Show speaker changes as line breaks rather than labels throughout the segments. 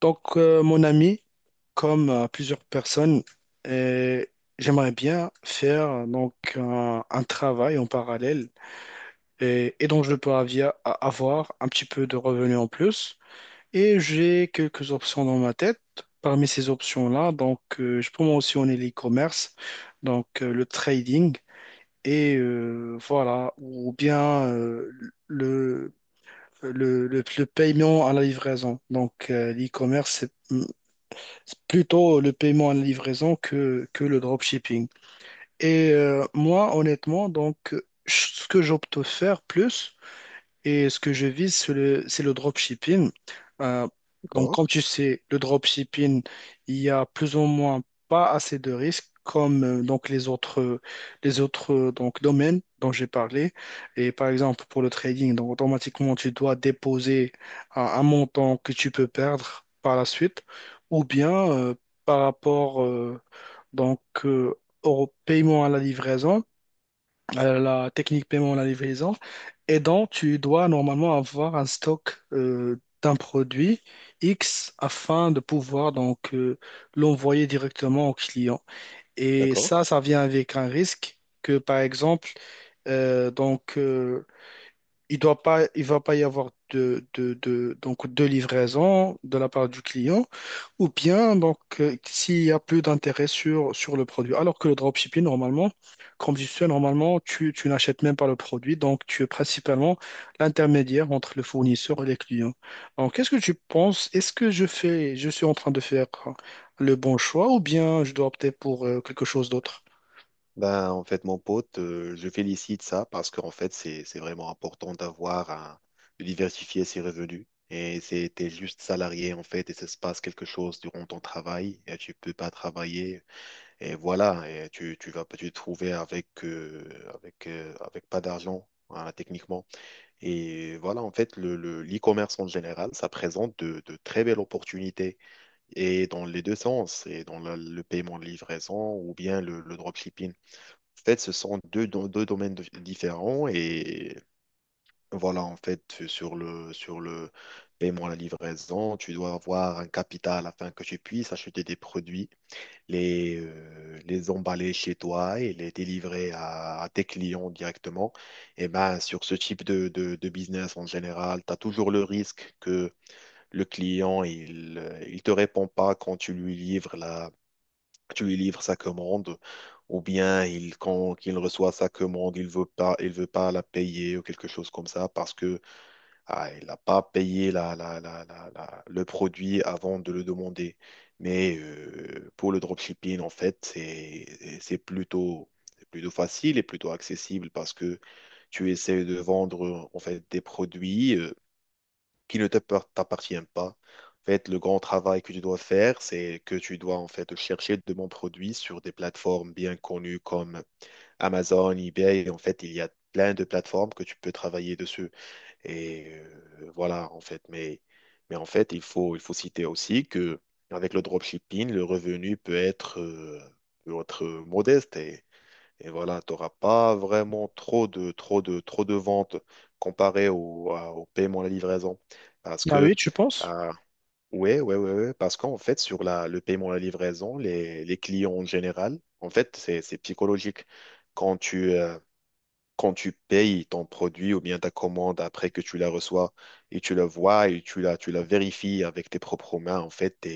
Mon ami, comme plusieurs personnes, euh, j'aimerais bien faire un travail en parallèle et donc je peux avoir un petit peu de revenus en plus. Et j'ai quelques options dans ma tête. Parmi ces options-là, je peux mentionner l'e-commerce, le trading et voilà, ou bien euh, le, le, le, le paiement à la livraison. L'e-commerce, c'est plutôt le paiement en livraison que le dropshipping. Et moi, honnêtement, donc, ce que j'opte faire plus, et ce que je vise, c'est le dropshipping. Euh, donc,
D'accord,
comme tu sais, le dropshipping, il y a plus ou moins pas assez de risques comme donc les autres, les autres donc, domaines dont j'ai parlé. Et par exemple, pour le trading, donc automatiquement, tu dois déposer un montant que tu peux perdre par la suite ou bien par rapport euh, donc, euh, au paiement à la livraison, la technique paiement à la livraison. Et donc, tu dois normalement avoir un stock d'un produit X afin de pouvoir l'envoyer directement au client. Et
d'accord.
ça vient avec un risque que, par exemple, euh, donc, euh, il doit pas, il va pas y avoir de livraison de la part du client, ou bien s'il y a plus d'intérêt sur le produit. Alors que le dropshipping, normalement, comme je sais, normalement, tu n'achètes même pas le produit, donc tu es principalement l'intermédiaire entre le fournisseur et les clients. Donc, qu'est-ce que tu penses? Est-ce que je fais, je suis en train de faire le bon choix, ou bien je dois opter pour quelque chose d'autre?
Ben, en fait, mon pote, je félicite ça parce qu'en fait, c'est vraiment important de diversifier ses revenus. Et c'est, t'es juste salarié, en fait, et ça se passe quelque chose durant ton travail, et tu peux pas travailler, et voilà, et tu vas pas te trouver avec pas d'argent, hein, techniquement. Et voilà, en fait, l'e-commerce en général, ça présente de très belles opportunités, et dans les deux sens, le paiement de livraison ou bien le dropshipping. En fait, ce sont deux domaines différents. Et voilà, en fait, sur sur le paiement à la livraison, tu dois avoir un capital afin que tu puisses acheter des produits, les emballer chez toi et les délivrer à tes clients directement. Et ben, sur ce type de, de business en général, tu as toujours le risque. Le client, il te répond pas quand tu lui livres tu lui livres sa commande, ou bien il, quand il reçoit sa commande, il veut pas la payer ou quelque chose comme ça parce que ah, il n'a pas payé le produit avant de le demander. Mais pour le dropshipping, en fait, c'est plutôt facile et plutôt accessible parce que tu essaies de vendre en fait des produits qui ne t'appar- t'appartient pas. En fait, le grand travail que tu dois faire, c'est que tu dois en fait chercher de bons produits sur des plateformes bien connues comme Amazon, eBay. Et en fait, il y a plein de plateformes que tu peux travailler dessus. Et voilà, en fait. Mais en fait, il faut citer aussi que avec le dropshipping, le revenu peut être modeste. Et voilà, tu n'auras pas vraiment trop de ventes comparé au, au paiement à la livraison. Parce
Ah oui,
que,
tu penses?
euh, ouais, parce qu'en fait, sur le paiement à la livraison, les clients en général, en fait, c'est psychologique. Quand tu, euh, quand tu payes ton produit ou bien ta commande après que tu la reçois et tu la vois et tu la vérifies avec tes propres mains, en fait, tu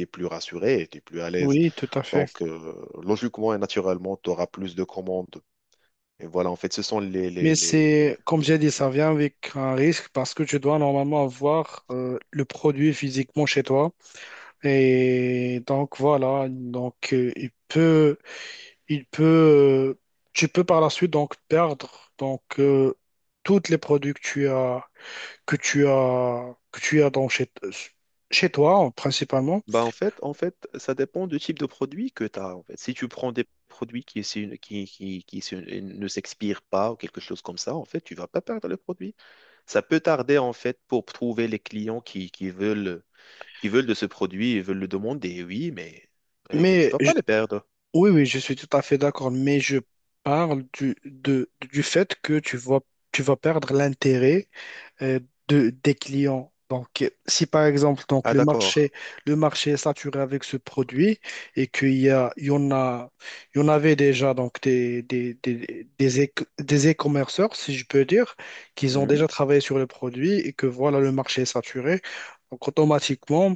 es plus rassuré et tu es plus à l'aise.
Oui, tout à fait.
Donc, logiquement et naturellement, tu auras plus de commandes et voilà, en fait, ce sont les, les,
Mais
les,
c'est,
les-
comme j'ai dit, ça vient avec un risque parce que tu dois normalement avoir le produit physiquement chez toi. Et donc voilà, il peut, euh, tu peux par la suite donc perdre tous les produits que tu as, que tu as donc chez toi principalement.
Bah en fait, ça dépend du type de produit que tu as, en fait. Si tu prends des produits qui ne s'expirent pas ou quelque chose comme ça, en fait, tu vas pas perdre le produit. Ça peut tarder, en fait, pour trouver les clients qui veulent, qui veulent de ce produit et veulent le demander, oui, mais que tu
Mais
vas
je-
pas le perdre.
oui, oui, je suis tout à fait d'accord. Mais je parle du fait que tu vas perdre l'intérêt euh, des clients. Donc, si par exemple donc,
Ah, d'accord.
le marché est saturé avec ce produit et qu'il y a, il y en avait déjà donc, des e-commerceurs, si je peux dire, qu'ils ont
Hmm.
déjà travaillé sur le produit et que voilà, le marché est saturé. Donc, automatiquement,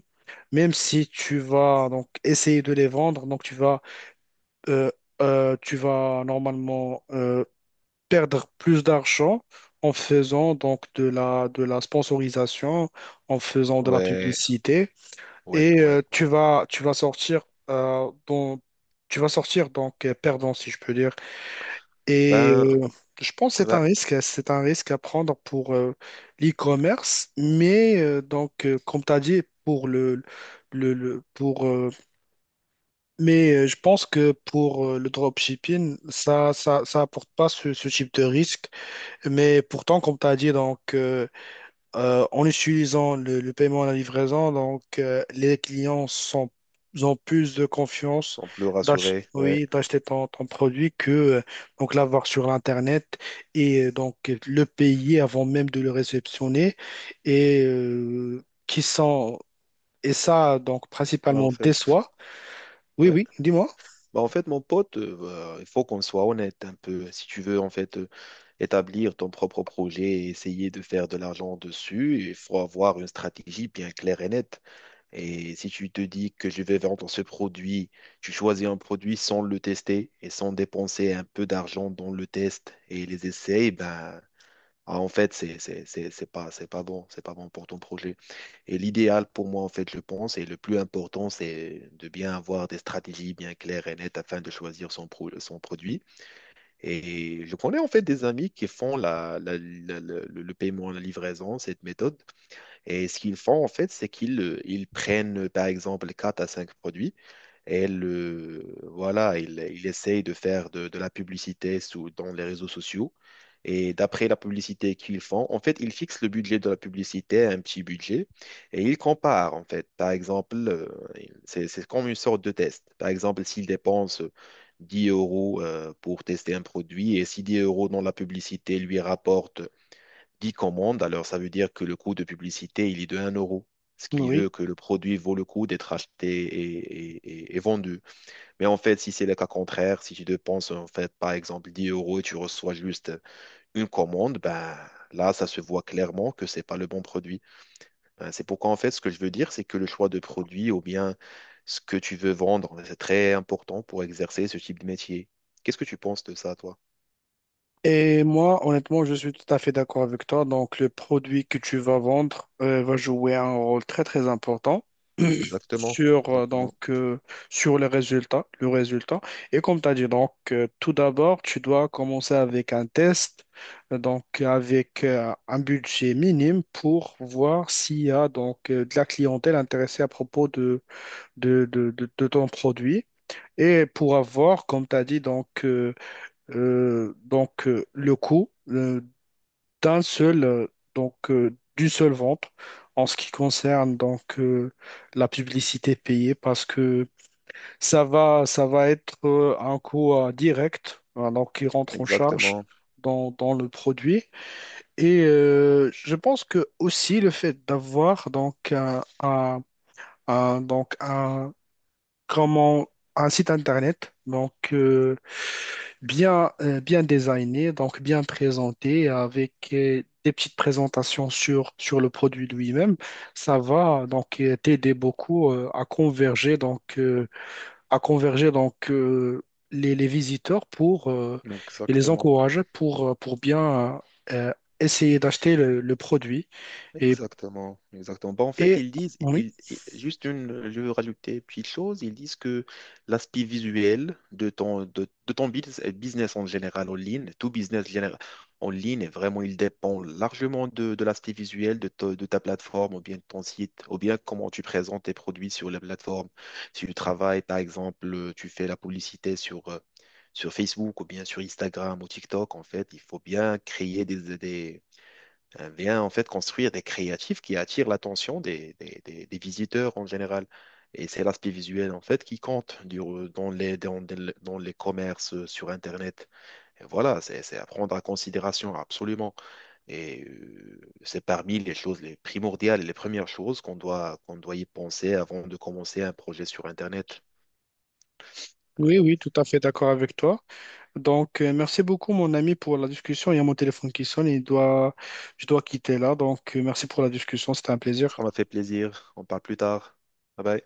même si tu vas donc essayer de les vendre, euh, tu vas normalement perdre plus d'argent en faisant donc de la sponsorisation, en faisant de la
Ouais,
publicité
ouais,
et
ouais,
euh,
ouais.
tu vas, tu vas sortir euh, dans- tu vas sortir perdant si je peux dire.
Ben,
Et je pense que
ben,
c'est un risque à prendre pour l'e-commerce, mais comme tu as dit pour le- pour, mais je pense que pour le dropshipping, ça apporte pas ce type de risque. Mais pourtant, comme tu as dit, en utilisant le paiement à la livraison, donc, ont plus de confiance
sont plus rassurés, ouais.
oui, d'acheter ton produit que donc, l'avoir sur Internet et donc le payer avant même de le réceptionner. Et, euh, qui sont, et ça, donc,
Ben, en
principalement des
fait,
soins. Oui,
ouais.
oui, dis-moi.
Ben, en fait, mon pote, il faut qu'on soit honnête un peu. Si tu veux, en fait, établir ton propre projet et essayer de faire de l'argent dessus, il faut avoir une stratégie bien claire et nette. Et si tu te dis que je vais vendre ce produit, tu choisis un produit sans le tester et sans dépenser un peu d'argent dans le test et les essais, ben, ah, en fait, c'est pas bon pour ton projet. Et l'idéal pour moi, en fait, je pense, et le plus important, c'est de bien avoir des stratégies bien claires et nettes afin de choisir son produit. Et je connais en fait des amis qui font le paiement à la livraison, cette méthode. Et ce qu'ils font, en fait, c'est qu'ils ils prennent, par exemple, 4 à 5 produits et voilà, ils essayent de faire de la publicité sous, dans les réseaux sociaux. Et d'après la publicité qu'ils font, en fait, ils fixent le budget de la publicité à un petit budget et ils comparent, en fait. Par exemple, c'est comme une sorte de test. Par exemple, s'ils dépensent 10 € pour tester un produit et si 10 € dans la publicité lui rapporte 10 commandes, alors ça veut dire que le coût de publicité, il est de un euro, ce qui
Oui.
veut que le produit vaut le coup d'être acheté et, et vendu. Mais en fait, si c'est le cas contraire, si tu dépenses en fait, par exemple, 10 € et tu reçois juste une commande, ben là, ça se voit clairement que c'est pas le bon produit. Hein. C'est pourquoi, en fait, ce que je veux dire, c'est que le choix de produit ou bien ce que tu veux vendre, ben, c'est très important pour exercer ce type de métier. Qu'est-ce que tu penses de ça, toi?
Et moi, honnêtement, je suis tout à fait d'accord avec toi. Donc, le produit que tu vas vendre va jouer un rôle très, très important
Exactement,
sur,
exactement,
sur le résultat, le résultat. Et comme tu as dit, donc, tout d'abord, tu dois commencer avec un test, avec un budget minime pour voir s'il y a donc, de la clientèle intéressée à propos de ton produit. Et pour avoir, comme tu as dit, le coût d'un seul, euh, d'une seule vente en ce qui concerne la publicité payée, parce que ça va être un coût direct, hein, donc qui rentre en charge
exactement,
dans le produit. Et je pense que aussi le fait d'avoir donc un- donc comment un site internet, bien designé, donc bien présenté, avec des petites présentations sur le produit lui-même, ça va t'aider beaucoup à converger à converger donc euh, les visiteurs pour et les
exactement.
encourager pour bien euh, essayer d'acheter le produit et
Exactement, exactement. Bah, en fait,
et
ils disent,
oui,
juste une, je veux rajouter une petite chose, ils disent que l'aspect visuel de ton business en général en ligne, tout business général en ligne, vraiment, il dépend largement de l'aspect visuel de ta plateforme ou bien de ton site, ou bien comment tu présentes tes produits sur la plateforme. Si tu travailles, par exemple, tu fais la publicité sur Facebook ou bien sur Instagram ou TikTok, en fait, il faut bien créer vient en fait construire des créatifs qui attirent l'attention des visiteurs en général. Et c'est l'aspect visuel en fait qui compte dans dans les commerces sur Internet. Et voilà, c'est à prendre en considération absolument. C'est parmi les choses les primordiales, les premières choses qu'on doit y penser avant de commencer un projet sur Internet.
oui, oui, tout à fait d'accord avec toi. Donc, merci beaucoup, mon ami, pour la discussion. Il y a mon téléphone qui sonne et je dois quitter là. Donc, merci pour la discussion. C'était un plaisir.
Ça m'a fait plaisir. On parle plus tard. Bye bye.